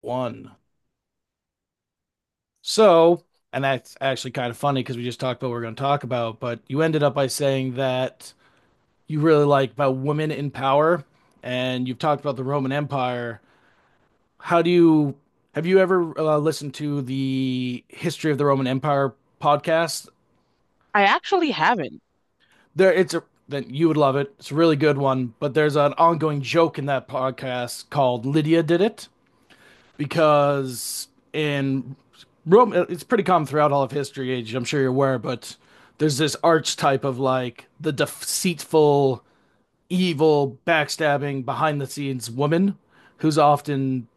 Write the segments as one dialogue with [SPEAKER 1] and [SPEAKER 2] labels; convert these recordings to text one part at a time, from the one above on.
[SPEAKER 1] One. So, and that's actually kind of funny because we just talked about what we're going to talk about, but you ended up by saying that you really like about women in power and you've talked about the Roman Empire. How do you have you ever listened to the History of the Roman Empire podcast?
[SPEAKER 2] I actually haven't.
[SPEAKER 1] There it's a then you would love it. It's a really good one, but there's an ongoing joke in that podcast called Lydia Did It, because in Rome, it's pretty common throughout all of history. Age, I'm sure you're aware, but there's this archetype of like the deceitful, evil, backstabbing, behind the scenes woman who's often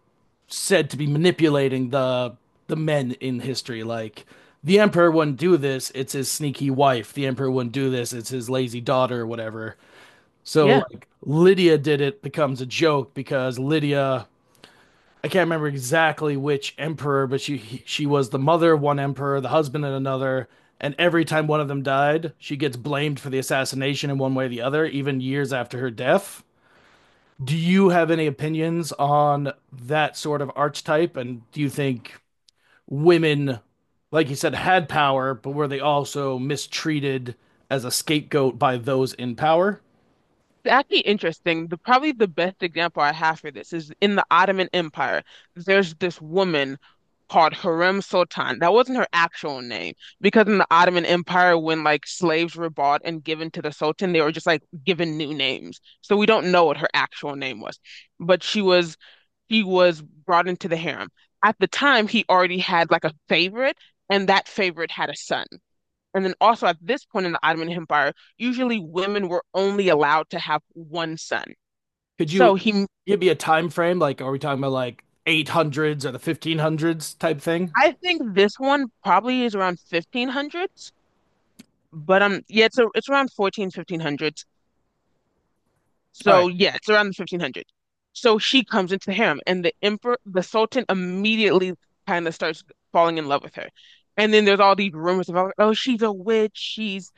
[SPEAKER 1] said to be manipulating the men in history. Like the emperor wouldn't do this; it's his sneaky wife. The emperor wouldn't do this; it's his lazy daughter, or whatever. So
[SPEAKER 2] Yeah.
[SPEAKER 1] like Lydia did it becomes a joke because Lydia I can't remember exactly which emperor, but she was the mother of one emperor, the husband of another, and every time one of them died, she gets blamed for the assassination in one way or the other, even years after her death. Do you have any opinions on that sort of archetype, and do you think women, like you said, had power, but were they also mistreated as a scapegoat by those in power?
[SPEAKER 2] It's actually interesting. The probably the best example I have for this is in the Ottoman Empire. There's this woman called Harem Sultan. That wasn't her actual name because in the Ottoman Empire, when like slaves were bought and given to the Sultan, they were just like given new names. So we don't know what her actual name was. But she was brought into the harem. At the time, he already had like a favorite, and that favorite had a son. And then also at this point in the Ottoman Empire, usually women were only allowed to have one son.
[SPEAKER 1] Could you
[SPEAKER 2] So he,
[SPEAKER 1] give me a time frame? Like, are we talking about like 800s or the 1500s type thing?
[SPEAKER 2] I think this one probably is around 1500s, but yeah, it's around fourteen fifteen hundreds.
[SPEAKER 1] All right.
[SPEAKER 2] So yeah, it's around the 1500. So she comes into the harem, and the emperor, the sultan, immediately kind of starts falling in love with her. And then there's all these rumors about, oh, she's a witch, she's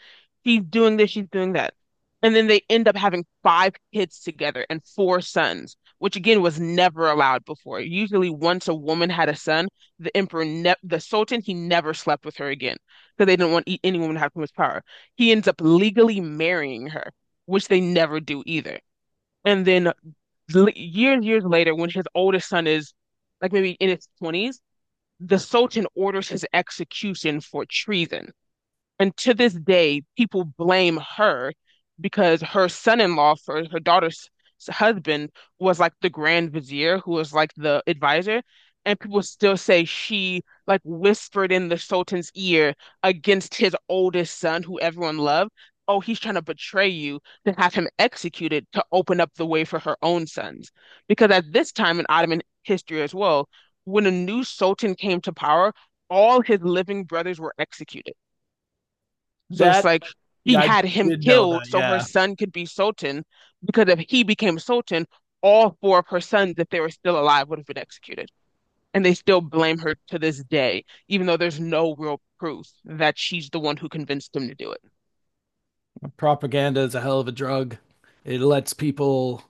[SPEAKER 2] she's doing this, she's doing that. And then they end up having five kids together and four sons, which again was never allowed before. Usually, once a woman had a son, the emperor, ne the sultan, he never slept with her again because they didn't want any woman to have too much power. He ends up legally marrying her, which they never do either. And then years, years later, when his oldest son is like maybe in his 20s, the Sultan orders his execution for treason. And to this day, people blame her because her son-in-law for her daughter's husband was like the Grand Vizier, who was like the advisor. And people still say she like whispered in the Sultan's ear against his oldest son, who everyone loved. Oh, he's trying to betray you to have him executed to open up the way for her own sons. Because at this time in Ottoman history as well, when a new Sultan came to power, all his living brothers were executed. So it's
[SPEAKER 1] That,
[SPEAKER 2] like he
[SPEAKER 1] yeah, I
[SPEAKER 2] had him
[SPEAKER 1] did know
[SPEAKER 2] killed
[SPEAKER 1] that.
[SPEAKER 2] so her
[SPEAKER 1] Yeah.
[SPEAKER 2] son could be Sultan, because if he became Sultan, all four of her sons, if they were still alive, would have been executed. And they still blame her to this day, even though there's no real proof that she's the one who convinced him to do it.
[SPEAKER 1] Propaganda is a hell of a drug. It lets people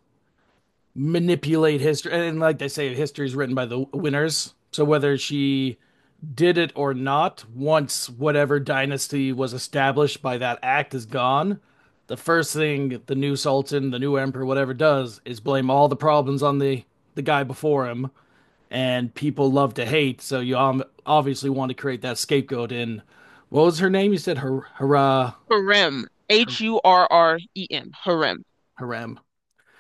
[SPEAKER 1] manipulate history. And like they say, history is written by the winners. So whether she did it or not, once whatever dynasty was established by that act is gone, the first thing the new sultan, the new emperor, whatever does is blame all the problems on the guy before him and people love to hate. So you obviously want to create that scapegoat. And what was her name? You said
[SPEAKER 2] Harem,
[SPEAKER 1] her,
[SPEAKER 2] Hurrem, harem.
[SPEAKER 1] harem.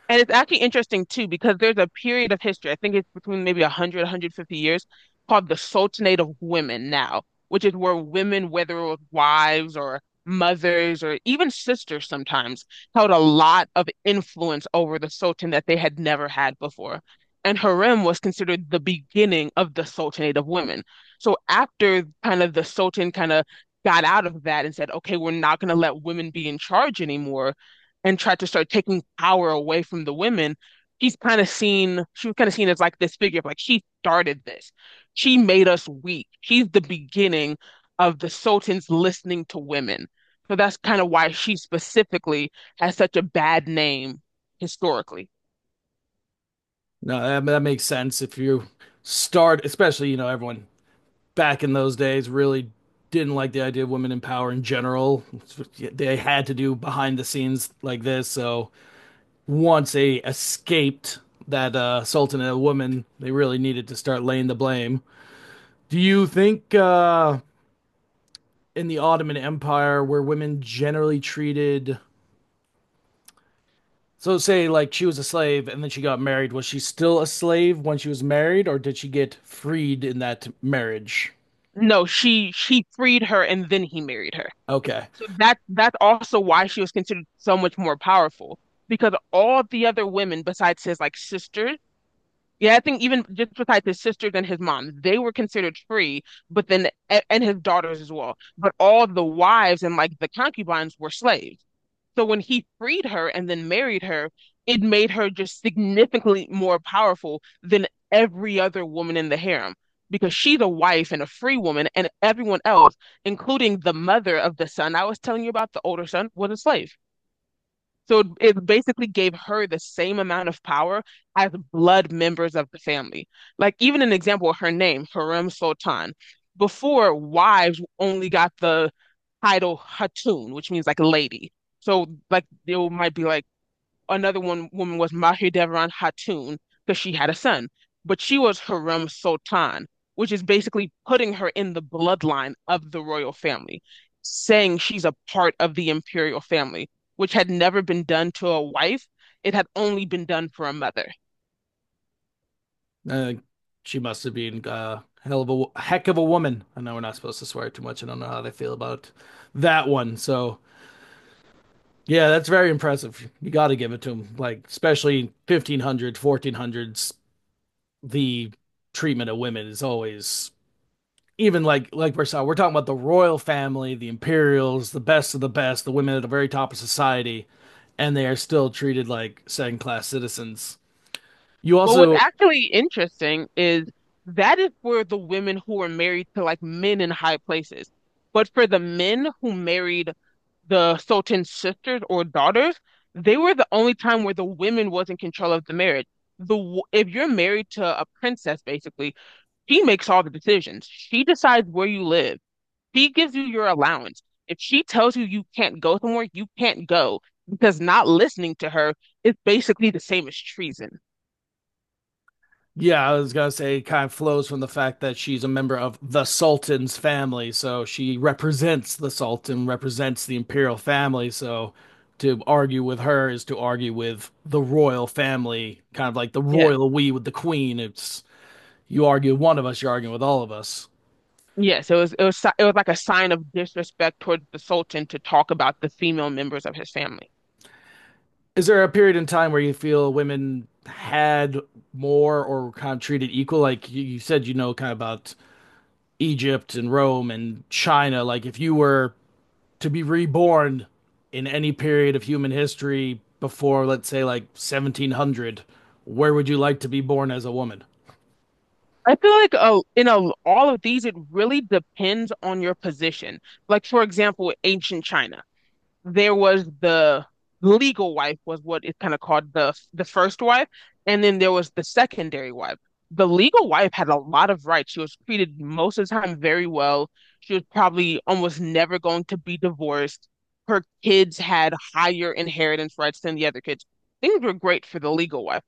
[SPEAKER 2] And it's actually interesting too, because there's a period of history, I think it's between maybe 100, 150 years, called the Sultanate of Women now, which is where women, whether it was wives or mothers or even sisters sometimes, held a lot of influence over the Sultan that they had never had before. And harem was considered the beginning of the Sultanate of Women. So after kind of the Sultan kind of got out of that and said, okay, we're not going to let women be in charge anymore and tried to start taking power away from the women, she was kind of seen as like this figure of like, she started this. She made us weak. She's the beginning of the Sultans listening to women. So that's kind of why she specifically has such a bad name historically.
[SPEAKER 1] No, that makes sense. If you start, especially, you know, everyone back in those days really didn't like the idea of women in power in general. They had to do behind the scenes like this. So once they escaped that sultan and a woman, they really needed to start laying the blame. Do you think in the Ottoman Empire were women generally treated, so say like she was a slave and then she got married, was she still a slave when she was married, or did she get freed in that marriage?
[SPEAKER 2] No, she freed her and then he married her.
[SPEAKER 1] Okay.
[SPEAKER 2] So that's also why she was considered so much more powerful because all the other women besides his like sisters. Yeah, I think even just besides his sisters and his mom, they were considered free, but then and his daughters as well. But all the wives and like the concubines were slaves. So when he freed her and then married her, it made her just significantly more powerful than every other woman in the harem because she's a wife and a free woman, and everyone else, including the mother of the son I was telling you about, the older son, was a slave. So it basically gave her the same amount of power as blood members of the family. Like even an example of her name, Harem Sultan. Before, wives only got the title Hatun, which means like lady. So like they might be like another one woman was Mahir Devan Hatun because she had a son, but she was Harem Sultan, which is basically putting her in the bloodline of the royal family, saying she's a part of the imperial family, which had never been done to a wife. It had only been done for a mother.
[SPEAKER 1] uh, she must have been a hell of a heck of a woman. I know we're not supposed to swear too much. I don't know how they feel about that one, so yeah, that's very impressive. You got to give it to them, like especially 1500s, 1400s, the treatment of women is always even like Versailles. We're talking about the royal family, the imperials, the best of the best, the women at the very top of society, and they are still treated like second class citizens. You
[SPEAKER 2] But what's
[SPEAKER 1] also,
[SPEAKER 2] actually interesting is that is for the women who were married to like men in high places. But for the men who married the Sultan's sisters or daughters, they were the only time where the women was in control of the marriage. If you're married to a princess, basically, she makes all the decisions. She decides where you live. She gives you your allowance. If she tells you you can't go somewhere, you can't go because not listening to her is basically the same as treason.
[SPEAKER 1] yeah, I was gonna say, it kind of flows from the fact that she's a member of the Sultan's family, so she represents the Sultan, represents the imperial family. So to argue with her is to argue with the royal family, kind of like the
[SPEAKER 2] Yeah.
[SPEAKER 1] royal we with the queen. It's you argue with one of us, you're arguing with all of us.
[SPEAKER 2] Yes, it was it was like a sign of disrespect towards the Sultan to talk about the female members of his family.
[SPEAKER 1] Is there a period in time where you feel women had more or were kind of treated equal? Like you said, you know, kind of about Egypt and Rome and China. Like if you were to be reborn in any period of human history before, let's say, like 1700, where would you like to be born as a woman?
[SPEAKER 2] I feel like all of these, it really depends on your position. Like for example, ancient China. There was the legal wife was what is kind of called the first wife, and then there was the secondary wife. The legal wife had a lot of rights. She was treated most of the time very well. She was probably almost never going to be divorced. Her kids had higher inheritance rights than the other kids. Things were great for the legal wife.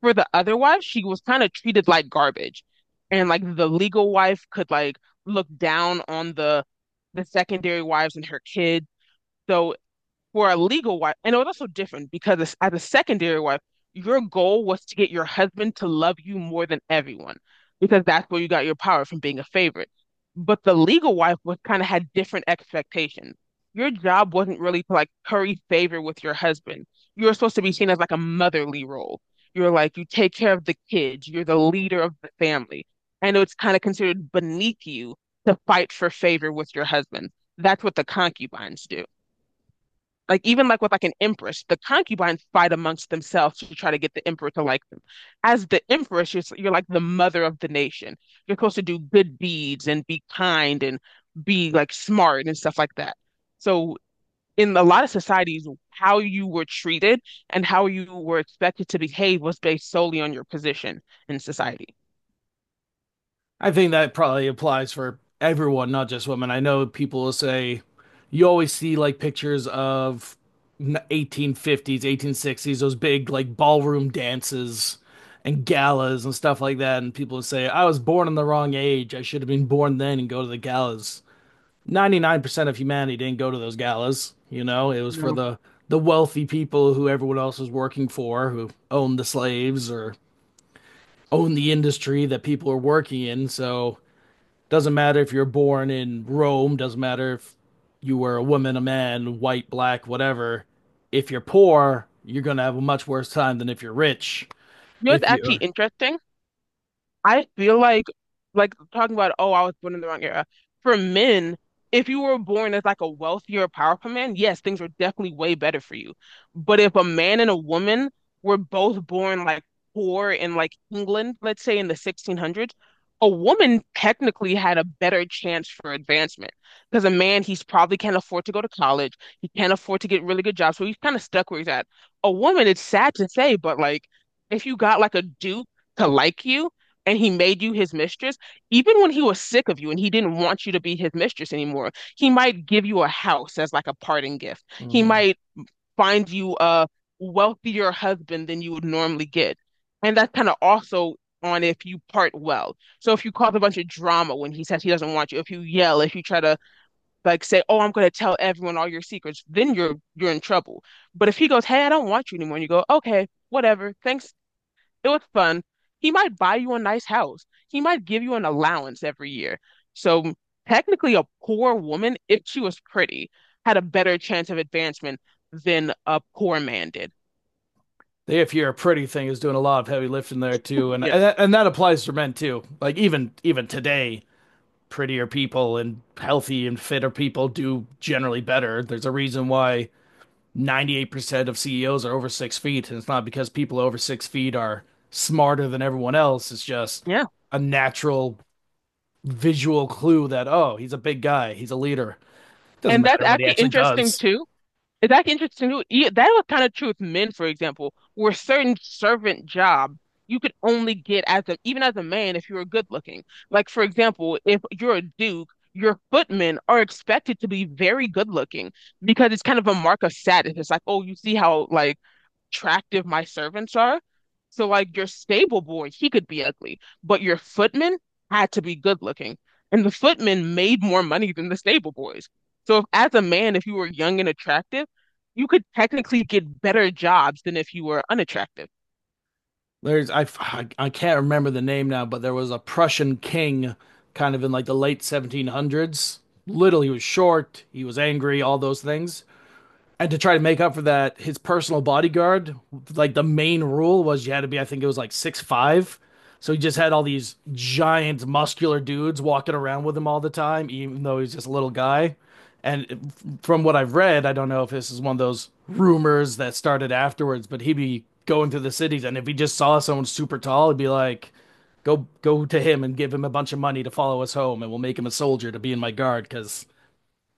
[SPEAKER 2] For the other wife, she was kind of treated like garbage. And like the legal wife could like look down on the secondary wives and her kids. So for a legal wife, and it was also different because as a secondary wife, your goal was to get your husband to love you more than everyone, because that's where you got your power from being a favorite. But the legal wife was kind of had different expectations. Your job wasn't really to like curry favor with your husband. You were supposed to be seen as like a motherly role. You're like you take care of the kids. You're the leader of the family. I know it's kind of considered beneath you to fight for favor with your husband. That's what the concubines do, like even like with like an empress, the concubines fight amongst themselves to try to get the emperor to like them. As the empress, you're like the mother of the nation. You're supposed to do good deeds and be kind and be like smart and stuff like that. So in a lot of societies, how you were treated and how you were expected to behave was based solely on your position in society.
[SPEAKER 1] I think that probably applies for everyone, not just women. I know people will say you always see like pictures of 1850s, 1860s, those big like ballroom dances and galas and stuff like that. And people will say, I was born in the wrong age. I should have been born then and go to the galas. 99% of humanity didn't go to those galas. You know, it was for
[SPEAKER 2] No.
[SPEAKER 1] the wealthy people who everyone else was working for, who owned the slaves or owned the industry that people were working in. So doesn't matter if you're born in Rome, doesn't matter if you were a woman, a man, white, black, whatever. If you're poor, you're going to have a much worse time than if you're rich.
[SPEAKER 2] You know, what's
[SPEAKER 1] If
[SPEAKER 2] actually
[SPEAKER 1] you're
[SPEAKER 2] interesting. I feel like talking about, oh, I was born in the wrong era. For men, if you were born as like a wealthier, powerful man, yes, things were definitely way better for you. But if a man and a woman were both born like poor in like England, let's say in the 1600s, a woman technically had a better chance for advancement because a man, he's probably can't afford to go to college. He can't afford to get really good jobs. So he's kind of stuck where he's at. A woman, it's sad to say, but like if you got like a duke to like you, and he made you his mistress, even when he was sick of you and he didn't want you to be his mistress anymore, he might give you a house as like a parting gift. He
[SPEAKER 1] Mhm.
[SPEAKER 2] might find you a wealthier husband than you would normally get. And that's kind of also on if you part well. So if you cause a bunch of drama when he says he doesn't want you, if you yell, if you try to like say, "Oh, I'm going to tell everyone all your secrets," then you're in trouble. But if he goes, "Hey, I don't want you anymore," and you go, "Okay, whatever. Thanks, it was fun." He might buy you a nice house. He might give you an allowance every year. So technically, a poor woman, if she was pretty, had a better chance of advancement than a poor man did.
[SPEAKER 1] If you're a pretty thing is doing a lot of heavy lifting there too, and
[SPEAKER 2] Yeah.
[SPEAKER 1] and that applies to men too. Like even today, prettier people and healthy and fitter people do generally better. There's a reason why 98% of CEOs are over 6 feet. And it's not because people over 6 feet are smarter than everyone else. It's just
[SPEAKER 2] Yeah.
[SPEAKER 1] a natural visual clue that, oh, he's a big guy. He's a leader. It doesn't
[SPEAKER 2] And that's
[SPEAKER 1] matter what he
[SPEAKER 2] actually
[SPEAKER 1] actually
[SPEAKER 2] interesting
[SPEAKER 1] does.
[SPEAKER 2] too, It's actually interesting too. That was kind of true with men, for example, where certain servant job you could only get as a, even as a man, if you were good looking. Like for example, if you're a duke, your footmen are expected to be very good looking because it's kind of a mark of status. It's like, oh, you see how like attractive my servants are. So like your stable boy, he could be ugly, but your footman had to be good looking. And the footmen made more money than the stable boys. So if, as a man, if you were young and attractive, you could technically get better jobs than if you were unattractive.
[SPEAKER 1] There's, I can't remember the name now, but there was a Prussian king kind of in like the late 1700s. Little, he was short, he was angry, all those things. And to try to make up for that, his personal bodyguard, like the main rule was you had to be, I think it was like 6'5". So he just had all these giant muscular dudes walking around with him all the time, even though he's just a little guy. And from what I've read, I don't know if this is one of those rumors that started afterwards, but he'd be going through the cities, and if he just saw someone super tall, he'd be like, "Go, go to him and give him a bunch of money to follow us home, and we'll make him a soldier to be in my guard." Because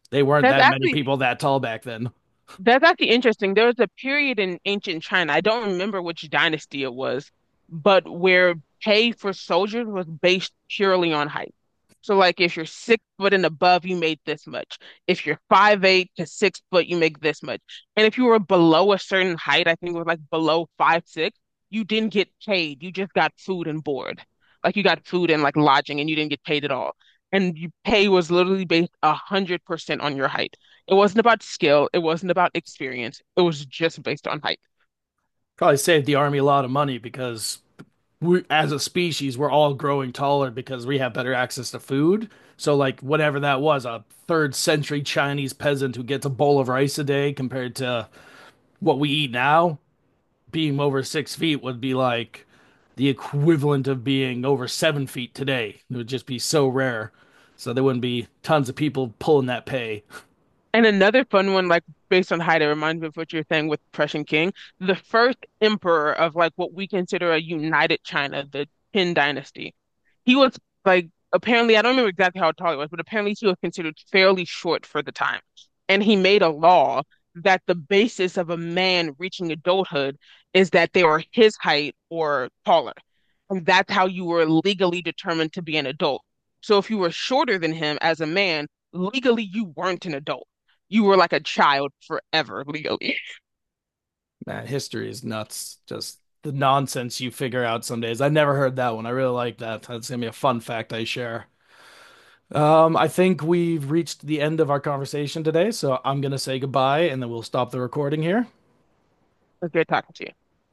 [SPEAKER 1] they weren't
[SPEAKER 2] That's
[SPEAKER 1] that many
[SPEAKER 2] actually
[SPEAKER 1] people that tall back then.
[SPEAKER 2] That's actually interesting. There was a period in ancient China, I don't remember which dynasty it was, but where pay for soldiers was based purely on height. So like if you're 6 foot and above, you made this much. If you're 5 8 to 6 foot, you make this much. And if you were below a certain height, I think it was like below 5 6, you didn't get paid. You just got food and board. Like you got food and like lodging and you didn't get paid at all. And your pay was literally based 100% on your height. It wasn't about skill, it wasn't about experience, it was just based on height.
[SPEAKER 1] Probably saved the army a lot of money because we, as a species, we're all growing taller because we have better access to food. So, like, whatever that was, a third century Chinese peasant who gets a bowl of rice a day compared to what we eat now, being over 6 feet would be like the equivalent of being over 7 feet today. It would just be so rare. So, there wouldn't be tons of people pulling that pay.
[SPEAKER 2] And another fun one, like based on height, it reminds me of what you're saying with the Prussian king. The first emperor of like what we consider a united China, the Qin dynasty. He was like apparently, I don't remember exactly how tall he was, but apparently he was considered fairly short for the time. And he made a law that the basis of a man reaching adulthood is that they are his height or taller. And that's how you were legally determined to be an adult. So if you were shorter than him as a man, legally you weren't an adult, you were like a child forever legally.
[SPEAKER 1] Man, history is nuts. Just the nonsense you figure out some days. I never heard that one. I really like that. That's gonna be a fun fact I share. I think we've reached the end of our conversation today, so I'm gonna say goodbye and then we'll stop the recording here.
[SPEAKER 2] It was good talking to you.